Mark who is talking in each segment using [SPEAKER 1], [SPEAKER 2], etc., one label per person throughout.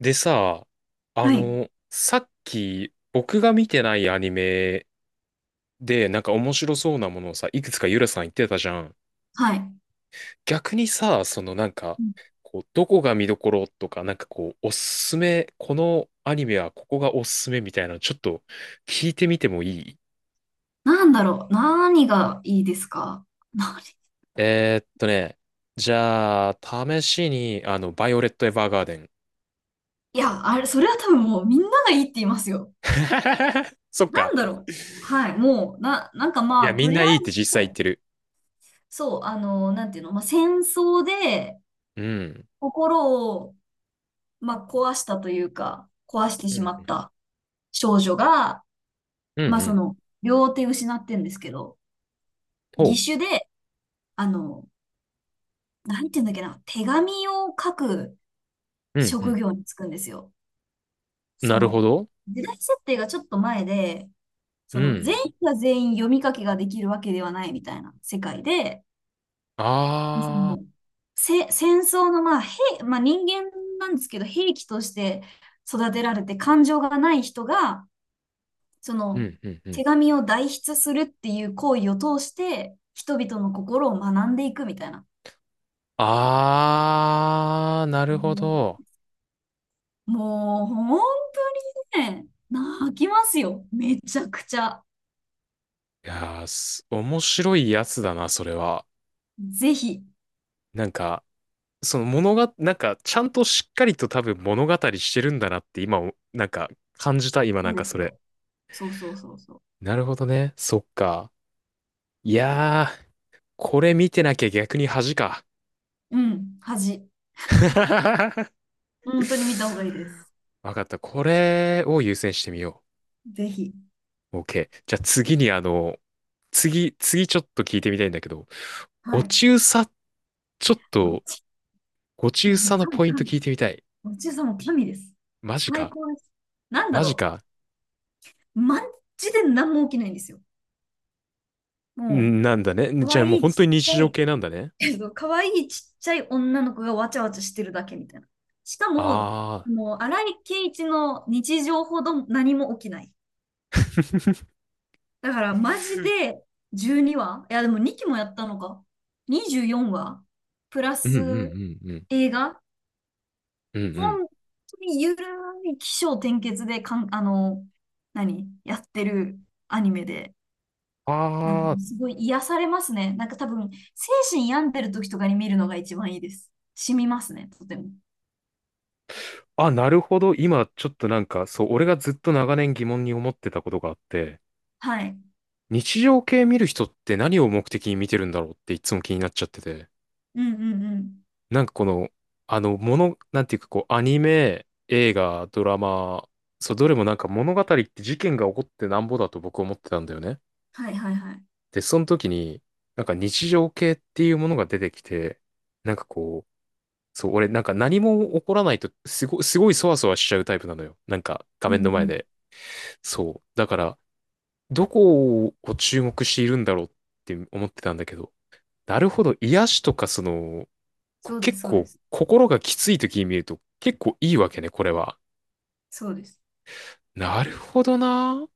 [SPEAKER 1] でさ、
[SPEAKER 2] はい。
[SPEAKER 1] さっき僕が見てないアニメでなんか面白そうなものをさ、いくつかゆらさん言ってたじゃん。
[SPEAKER 2] はい。
[SPEAKER 1] 逆にさ、そのなんか、
[SPEAKER 2] うん。
[SPEAKER 1] こう、どこが見どころとか、なんかこう、おすすめ、このアニメはここがおすすめみたいなのちょっと聞いてみてもいい？
[SPEAKER 2] なんだろう。何がいいですか？何？
[SPEAKER 1] えーっとね、じゃあ、試しに、バイオレット・エヴァーガーデン。
[SPEAKER 2] いや、あれ、それは多分もうみんながいいって言いますよ。
[SPEAKER 1] そっ
[SPEAKER 2] な
[SPEAKER 1] か。
[SPEAKER 2] んだろう。はい。もう、なんか
[SPEAKER 1] い
[SPEAKER 2] ま
[SPEAKER 1] や、
[SPEAKER 2] あ、
[SPEAKER 1] み
[SPEAKER 2] と
[SPEAKER 1] んな
[SPEAKER 2] りあえ
[SPEAKER 1] いいって実
[SPEAKER 2] ず、
[SPEAKER 1] 際言ってる。
[SPEAKER 2] そう、なんていうの、まあ、戦争で
[SPEAKER 1] うん。
[SPEAKER 2] 心を、まあ、壊したというか、壊して
[SPEAKER 1] う
[SPEAKER 2] し
[SPEAKER 1] ん
[SPEAKER 2] ま
[SPEAKER 1] う
[SPEAKER 2] っ
[SPEAKER 1] ん。
[SPEAKER 2] た少女が、
[SPEAKER 1] うんう
[SPEAKER 2] まあ、そ
[SPEAKER 1] ん。
[SPEAKER 2] の、両手失ってんですけど、
[SPEAKER 1] ほう。
[SPEAKER 2] 義手で、あの、なんていうんだっけな、手紙を書く
[SPEAKER 1] うんう
[SPEAKER 2] 職
[SPEAKER 1] ん。
[SPEAKER 2] 業に就くんですよ。そ
[SPEAKER 1] なるほ
[SPEAKER 2] の、
[SPEAKER 1] ど。
[SPEAKER 2] 時代設定がちょっと前で、そ
[SPEAKER 1] う
[SPEAKER 2] の、全
[SPEAKER 1] ん。
[SPEAKER 2] 員が全員読み書きができるわけではないみたいな世界で、そ
[SPEAKER 1] ああ。
[SPEAKER 2] の、戦争の、まあ、まあ人間なんですけど、兵器として育てられて感情がない人が、そ
[SPEAKER 1] う
[SPEAKER 2] の、
[SPEAKER 1] んうんう
[SPEAKER 2] 手
[SPEAKER 1] ん。
[SPEAKER 2] 紙を代筆するっていう行為を通して、人々の心を学んでいくみたいな。
[SPEAKER 1] ああ、なるほ
[SPEAKER 2] も
[SPEAKER 1] ど。
[SPEAKER 2] もう本当にね、泣きますよ。めちゃくちゃ。
[SPEAKER 1] いやー、面白いやつだな、それは。
[SPEAKER 2] ぜひ。
[SPEAKER 1] なんか、その物が、なんか、ちゃんとしっかりと多分物語してるんだなって今お、なんか、感じた、今
[SPEAKER 2] そ
[SPEAKER 1] な
[SPEAKER 2] う
[SPEAKER 1] ん
[SPEAKER 2] で
[SPEAKER 1] か
[SPEAKER 2] す
[SPEAKER 1] それ。
[SPEAKER 2] よ。そうそうそうそ
[SPEAKER 1] なるほどね。そっか。いやー、これ見てなきゃ逆に恥か。
[SPEAKER 2] う。うん、恥。本当に見た方がいいです。
[SPEAKER 1] わかった。これを優先してみよう。
[SPEAKER 2] ぜひ。
[SPEAKER 1] OK。じゃあ次にあの、次、次ちょっと聞いてみたいんだけど、ご
[SPEAKER 2] はい。
[SPEAKER 1] 中佐、ちょっ
[SPEAKER 2] ご
[SPEAKER 1] と、
[SPEAKER 2] ち、
[SPEAKER 1] ご
[SPEAKER 2] い
[SPEAKER 1] 中
[SPEAKER 2] や、も
[SPEAKER 1] 佐
[SPEAKER 2] う
[SPEAKER 1] の
[SPEAKER 2] 神、
[SPEAKER 1] ポイント
[SPEAKER 2] 神。
[SPEAKER 1] 聞いてみたい。
[SPEAKER 2] ごちそうさんも神です。
[SPEAKER 1] マジ
[SPEAKER 2] 最
[SPEAKER 1] か。
[SPEAKER 2] 高です。なんだ
[SPEAKER 1] マジ
[SPEAKER 2] ろ
[SPEAKER 1] か。
[SPEAKER 2] う。マジで何も起きないんですよ。も
[SPEAKER 1] んなんだね。
[SPEAKER 2] う、可
[SPEAKER 1] じゃあも
[SPEAKER 2] 愛
[SPEAKER 1] う
[SPEAKER 2] い
[SPEAKER 1] 本
[SPEAKER 2] ち
[SPEAKER 1] 当
[SPEAKER 2] っ
[SPEAKER 1] に
[SPEAKER 2] ち
[SPEAKER 1] 日
[SPEAKER 2] ゃ
[SPEAKER 1] 常
[SPEAKER 2] い、
[SPEAKER 1] 系なんだね。
[SPEAKER 2] 可愛いちっちゃい女の子がわちゃわちゃしてるだけみたいな。しかも、
[SPEAKER 1] ああ。
[SPEAKER 2] もう、荒井圭一の日常ほど何も起きない。だから、マジで12話、いや、でも2期もやったのか。24話プラ
[SPEAKER 1] うんうんう
[SPEAKER 2] ス
[SPEAKER 1] んうん。
[SPEAKER 2] 映画、
[SPEAKER 1] うんうん。
[SPEAKER 2] 本当にゆるい起承転結で何やってるアニメで、なんか
[SPEAKER 1] あ
[SPEAKER 2] すごい癒されますね。なんか多分、精神病んでる時とかに見るのが一番いいです。染みますね、とても。
[SPEAKER 1] あ。あ、なるほど。今ちょっとなんか、そう、俺がずっと長年疑問に思ってたことがあって、
[SPEAKER 2] はい。
[SPEAKER 1] 日常系見る人って何を目的に見てるんだろうっていつも気になっちゃってて。
[SPEAKER 2] うんうんうん。
[SPEAKER 1] なんかこの、なんていうかこう、アニメ、映画、ドラマ、そう、どれもなんか物語って事件が起こってなんぼだと僕思ってたんだよね。
[SPEAKER 2] はいはいはい。
[SPEAKER 1] で、その時に、なんか日常系っていうものが出てきて、なんかこう、そう、俺なんか何も起こらないと、すごいそわそわしちゃうタイプなのよ。なんか画
[SPEAKER 2] う
[SPEAKER 1] 面の
[SPEAKER 2] ん
[SPEAKER 1] 前
[SPEAKER 2] うん。
[SPEAKER 1] で。そう。だから、どこを注目しているんだろうって思ってたんだけど、なるほど、癒しとかその、
[SPEAKER 2] そうで
[SPEAKER 1] 結
[SPEAKER 2] す、そうで
[SPEAKER 1] 構
[SPEAKER 2] す。
[SPEAKER 1] 心がきつい時に見ると結構いいわけね、これは。
[SPEAKER 2] そうです。
[SPEAKER 1] なるほどな。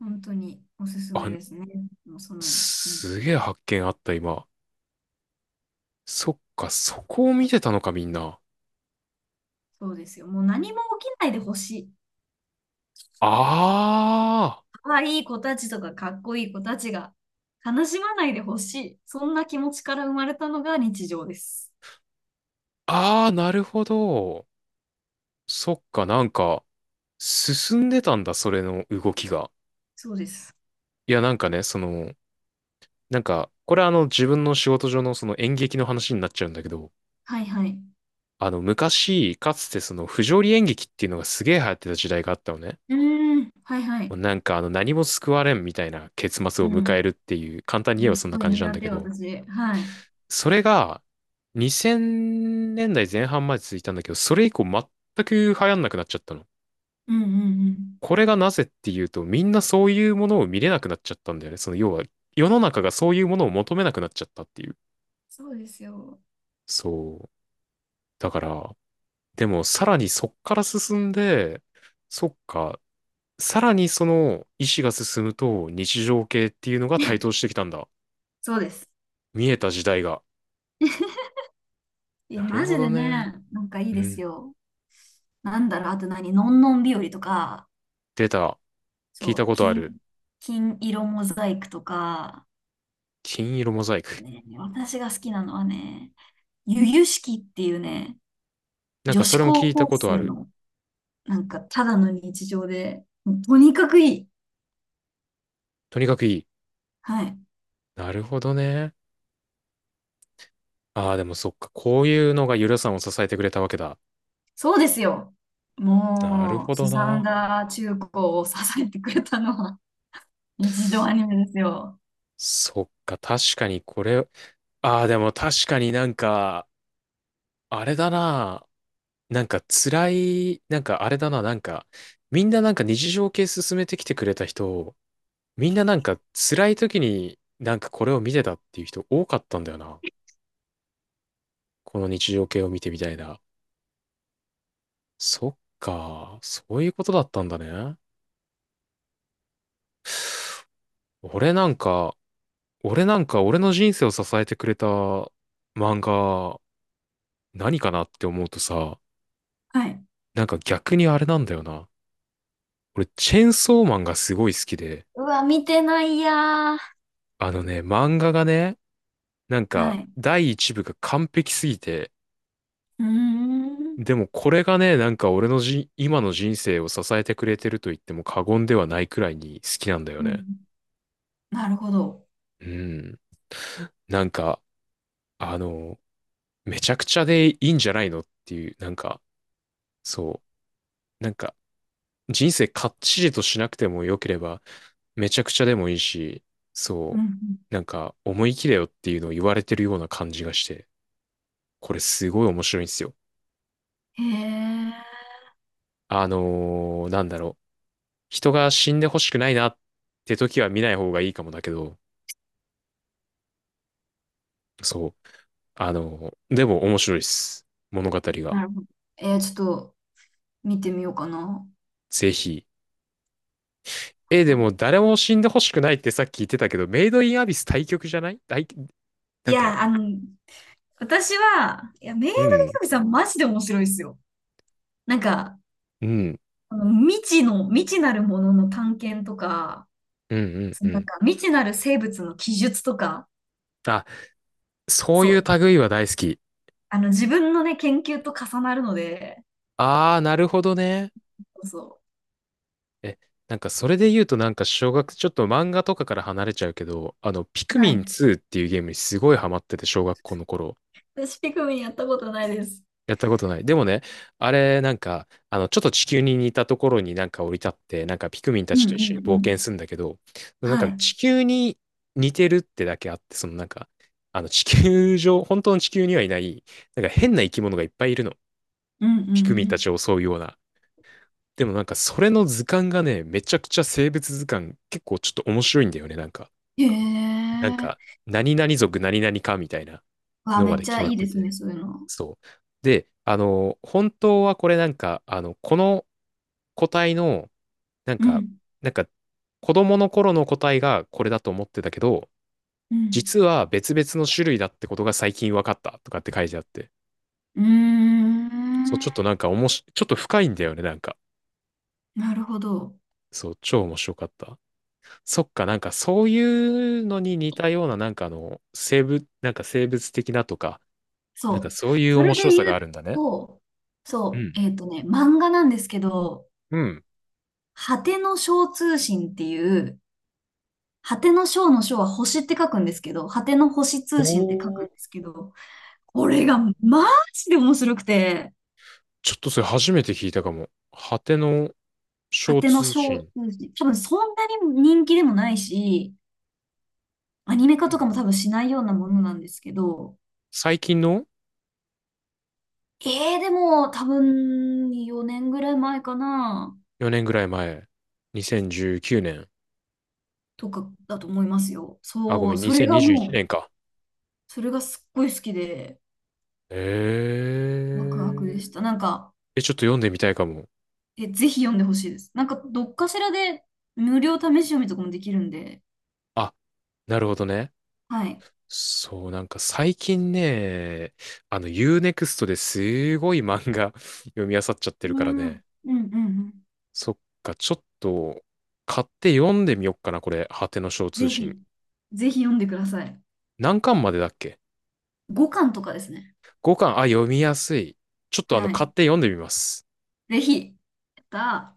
[SPEAKER 2] 本当におすすめ
[SPEAKER 1] あ、
[SPEAKER 2] ですね。もうその、うん、
[SPEAKER 1] すげえ発見あった、今。そっか、そこを見てたのか、みんな。
[SPEAKER 2] そうですよ。もう何も起きないでほしい。
[SPEAKER 1] あ
[SPEAKER 2] 可愛い子たちとかかっこいい子たちが悲しまないでほしい。そんな気持ちから生まれたのが日常です。
[SPEAKER 1] あ、ああ、なるほど。そっか、なんか、進んでたんだ、それの動きが。
[SPEAKER 2] そうです。
[SPEAKER 1] いや、なんかね、その、なんか、これあの、自分の仕事上のその演劇の話になっちゃうんだけど、
[SPEAKER 2] はいはい。
[SPEAKER 1] あの、昔、かつてその、不条理演劇っていうのがすげえ流行ってた時代があったのね。
[SPEAKER 2] うーん。はいは
[SPEAKER 1] も
[SPEAKER 2] い。
[SPEAKER 1] うなんかあの何も救われんみたいな結末
[SPEAKER 2] う
[SPEAKER 1] を迎
[SPEAKER 2] ん。
[SPEAKER 1] えるっていう、簡単に言え
[SPEAKER 2] もう
[SPEAKER 1] ば
[SPEAKER 2] す
[SPEAKER 1] そんな
[SPEAKER 2] ごい
[SPEAKER 1] 感じなん
[SPEAKER 2] 苦
[SPEAKER 1] だけ
[SPEAKER 2] 手、
[SPEAKER 1] ど、
[SPEAKER 2] 私。はい。う
[SPEAKER 1] それが2000年代前半まで続いたんだけど、それ以降全く流行んなくなっちゃったの。
[SPEAKER 2] んうんうん。
[SPEAKER 1] これがなぜっていうと、みんなそういうものを見れなくなっちゃったんだよね。その要は世の中がそういうものを求めなくなっちゃったっていう。
[SPEAKER 2] そうですよ。
[SPEAKER 1] そう。だから、でもさらにそっから進んで、そっか、さらにその意思が進むと日常系っていうのが台 頭してきたんだ。
[SPEAKER 2] そうです。
[SPEAKER 1] 見えた時代が。
[SPEAKER 2] いや、
[SPEAKER 1] なる
[SPEAKER 2] マ
[SPEAKER 1] ほ
[SPEAKER 2] ジ
[SPEAKER 1] ど
[SPEAKER 2] で
[SPEAKER 1] ね。
[SPEAKER 2] ね、なんかいい
[SPEAKER 1] う
[SPEAKER 2] です
[SPEAKER 1] ん。
[SPEAKER 2] よ。なんだろう、あと何、のんのん日和とか、
[SPEAKER 1] 出た。聞い
[SPEAKER 2] そ
[SPEAKER 1] た
[SPEAKER 2] う、
[SPEAKER 1] ことある。
[SPEAKER 2] 金色モザイクとか、
[SPEAKER 1] 金色モザイク。
[SPEAKER 2] ね、私が好きなのはね、ゆゆしきっていうね、
[SPEAKER 1] なん
[SPEAKER 2] 女
[SPEAKER 1] かそ
[SPEAKER 2] 子
[SPEAKER 1] れも聞
[SPEAKER 2] 高
[SPEAKER 1] い
[SPEAKER 2] 校
[SPEAKER 1] たことあ
[SPEAKER 2] 生
[SPEAKER 1] る。
[SPEAKER 2] の、なんか、ただの日常で、とにかくいい。
[SPEAKER 1] とにかくいい。
[SPEAKER 2] はい。
[SPEAKER 1] なるほどね。ああ、でもそっか。こういうのがゆらさんを支えてくれたわけだ。
[SPEAKER 2] そうですよ。
[SPEAKER 1] なる
[SPEAKER 2] も
[SPEAKER 1] ほ
[SPEAKER 2] う、
[SPEAKER 1] ど
[SPEAKER 2] すさん
[SPEAKER 1] な。
[SPEAKER 2] だ中高を支えてくれたのは、日常アニメですよ。
[SPEAKER 1] そっか。確かにこれ。ああ、でも確かになんか、あれだな。なんか辛い、なんかあれだな。なんか、みんななんか日常系進めてきてくれた人、みんななんか辛い時になんかこれを見てたっていう人多かったんだよな。この日常系を見てみたいな。そっか、そういうことだったんだね。俺なんか、俺なんか俺の人生を支えてくれた漫画、何かなって思うとさ、
[SPEAKER 2] はい。
[SPEAKER 1] なんか逆にあれなんだよな。俺、チェンソーマンがすごい好きで、
[SPEAKER 2] うわ、見てないやー。
[SPEAKER 1] あのね、漫画がね、なん
[SPEAKER 2] は
[SPEAKER 1] か
[SPEAKER 2] い。
[SPEAKER 1] 第一部が完璧すぎて、
[SPEAKER 2] うーん。
[SPEAKER 1] でもこれがね、なんか俺のじ、今の人生を支えてくれてると言っても過言ではないくらいに好きなんだよ
[SPEAKER 2] う
[SPEAKER 1] ね。
[SPEAKER 2] ん。なるほど。
[SPEAKER 1] うん。なんか、あの、めちゃくちゃでいいんじゃないのっていう、なんか、そう、なんか、人生かっちりとしなくても良ければ、めちゃくちゃでもいいし、
[SPEAKER 2] うん。
[SPEAKER 1] そ
[SPEAKER 2] うん。
[SPEAKER 1] う、なんか、思い切れよっていうのを言われてるような感じがして、これすごい面白いんですよ。
[SPEAKER 2] へえ。
[SPEAKER 1] なんだろう、人が死んでほしくないなって時は見ない方がいいかもだけど、そう、でも面白いです。物語が。
[SPEAKER 2] なるほど。ちょっと、見てみようかな。
[SPEAKER 1] ぜひ。え、でも誰も死んでほしくないってさっき言ってたけど、メイドインアビス対局じゃない
[SPEAKER 2] い
[SPEAKER 1] なんか、
[SPEAKER 2] や、私は、いや、メイド
[SPEAKER 1] う
[SPEAKER 2] ヒ
[SPEAKER 1] ん、
[SPEAKER 2] カゲさんマジで面白いですよ。なんか、
[SPEAKER 1] うん、
[SPEAKER 2] あの未知の、未知なるものの探検とか、
[SPEAKER 1] うん、うん、
[SPEAKER 2] その
[SPEAKER 1] う
[SPEAKER 2] なん
[SPEAKER 1] ん。
[SPEAKER 2] か未知なる生物の記述とか、
[SPEAKER 1] あ、そう
[SPEAKER 2] そ
[SPEAKER 1] いう
[SPEAKER 2] う、
[SPEAKER 1] 類は大好き。
[SPEAKER 2] あの自分のね、研究と重なるので、
[SPEAKER 1] ああ、なるほどね。
[SPEAKER 2] そうそ
[SPEAKER 1] え、なんかそれで言うとなんかちょっと漫画とかから離れちゃうけど、あの、ピク
[SPEAKER 2] う。は
[SPEAKER 1] ミ
[SPEAKER 2] い。
[SPEAKER 1] ン2っていうゲームにすごいハマってて、小学校の頃。
[SPEAKER 2] 私、ピクミンやったことないです。
[SPEAKER 1] やったことない。でもね、あれ、なんか、あの、ちょっと地球に似たところになんか降り立って、なんかピクミンた
[SPEAKER 2] う
[SPEAKER 1] ち
[SPEAKER 2] ん
[SPEAKER 1] と一緒に
[SPEAKER 2] うんう
[SPEAKER 1] 冒険
[SPEAKER 2] ん。
[SPEAKER 1] するんだけど、なん
[SPEAKER 2] はい。
[SPEAKER 1] か
[SPEAKER 2] うん
[SPEAKER 1] 地球に似てるってだけあって、そのなんか、あの、地球上、本当の地球にはいない、なんか変な生き物がいっぱいいるの。
[SPEAKER 2] う
[SPEAKER 1] ピクミンた
[SPEAKER 2] ん
[SPEAKER 1] ちを襲うような。でもなんかそれの図鑑がね、めちゃくちゃ生物図鑑結構ちょっと面白いんだよね。なんか、
[SPEAKER 2] うん。へ
[SPEAKER 1] なんか、
[SPEAKER 2] え。
[SPEAKER 1] 何々族何々かみたいな
[SPEAKER 2] わあ、
[SPEAKER 1] の
[SPEAKER 2] め
[SPEAKER 1] ま
[SPEAKER 2] っ
[SPEAKER 1] で
[SPEAKER 2] ち
[SPEAKER 1] 決
[SPEAKER 2] ゃ
[SPEAKER 1] まっ
[SPEAKER 2] いいで
[SPEAKER 1] て
[SPEAKER 2] すね、
[SPEAKER 1] て。
[SPEAKER 2] そういうの。
[SPEAKER 1] そう。で、あの、本当はこれなんか、あの、この個体の、なん
[SPEAKER 2] う
[SPEAKER 1] か、
[SPEAKER 2] ん。
[SPEAKER 1] なんか、子供の頃の個体がこれだと思ってたけど、
[SPEAKER 2] うん。
[SPEAKER 1] 実は別々の種類だってことが最近分かったとかって書いてあって。
[SPEAKER 2] うー
[SPEAKER 1] そう、ち
[SPEAKER 2] ん。
[SPEAKER 1] ょっとなんかおもし、ちょっと深いんだよね、なんか。
[SPEAKER 2] なるほど。
[SPEAKER 1] そう、超面白かった。そっか、なんかそういうのに似たような、なんかあの、生物、なんか生物的なとか、なんか
[SPEAKER 2] そう。
[SPEAKER 1] そういう
[SPEAKER 2] そ
[SPEAKER 1] 面
[SPEAKER 2] れで
[SPEAKER 1] 白さ
[SPEAKER 2] 言
[SPEAKER 1] がある
[SPEAKER 2] う
[SPEAKER 1] んだね。
[SPEAKER 2] と、
[SPEAKER 1] う
[SPEAKER 2] そ
[SPEAKER 1] ん
[SPEAKER 2] う、漫画なんですけど、
[SPEAKER 1] うん。
[SPEAKER 2] 果ての章通信っていう、果ての章の章は星って書くんですけど、果ての星通信って書く
[SPEAKER 1] お
[SPEAKER 2] ん
[SPEAKER 1] ー。
[SPEAKER 2] ですけど、これがマジで面白くて、
[SPEAKER 1] ちょっとそれ初めて聞いたかも。果ての
[SPEAKER 2] 果
[SPEAKER 1] 小
[SPEAKER 2] ての
[SPEAKER 1] 通
[SPEAKER 2] 章通
[SPEAKER 1] 信。
[SPEAKER 2] 信、多分そんなに人気でもないし、アニメ化
[SPEAKER 1] うん。う
[SPEAKER 2] と
[SPEAKER 1] ん
[SPEAKER 2] かも多分しないようなものなんですけど、
[SPEAKER 1] 最近の
[SPEAKER 2] でも多分4年ぐらい前かな、
[SPEAKER 1] 4年ぐらい前。2019年。
[SPEAKER 2] とかだと思いますよ。
[SPEAKER 1] あ、ご
[SPEAKER 2] そ
[SPEAKER 1] め
[SPEAKER 2] う、
[SPEAKER 1] ん、
[SPEAKER 2] それが
[SPEAKER 1] 2021
[SPEAKER 2] もう、
[SPEAKER 1] 年か。
[SPEAKER 2] それがすっごい好きで、ワクワクで
[SPEAKER 1] えー。
[SPEAKER 2] した。なんか、
[SPEAKER 1] え、ちょっと読んでみたいかも。
[SPEAKER 2] え、ぜひ読んでほしいです。なんか、どっかしらで無料試し読みとかもできるんで、
[SPEAKER 1] あ、なるほどね。
[SPEAKER 2] はい。
[SPEAKER 1] そう、なんか最近ね、あの U-NEXT ですごい漫画 読み漁っちゃって
[SPEAKER 2] う
[SPEAKER 1] るから
[SPEAKER 2] ん、う
[SPEAKER 1] ね。
[SPEAKER 2] ん、うん、うん。
[SPEAKER 1] そっか、ちょっと買って読んでみよっかな、これ。果ての小通
[SPEAKER 2] ぜ
[SPEAKER 1] 信。
[SPEAKER 2] ひ、ぜひ読んでください。
[SPEAKER 1] 何巻までだっけ？
[SPEAKER 2] 5巻とかですね。
[SPEAKER 1] 5 巻、あ、読みやすい。ちょっとあの
[SPEAKER 2] は
[SPEAKER 1] 買
[SPEAKER 2] い。
[SPEAKER 1] って読んでみます。
[SPEAKER 2] ぜひ、やったー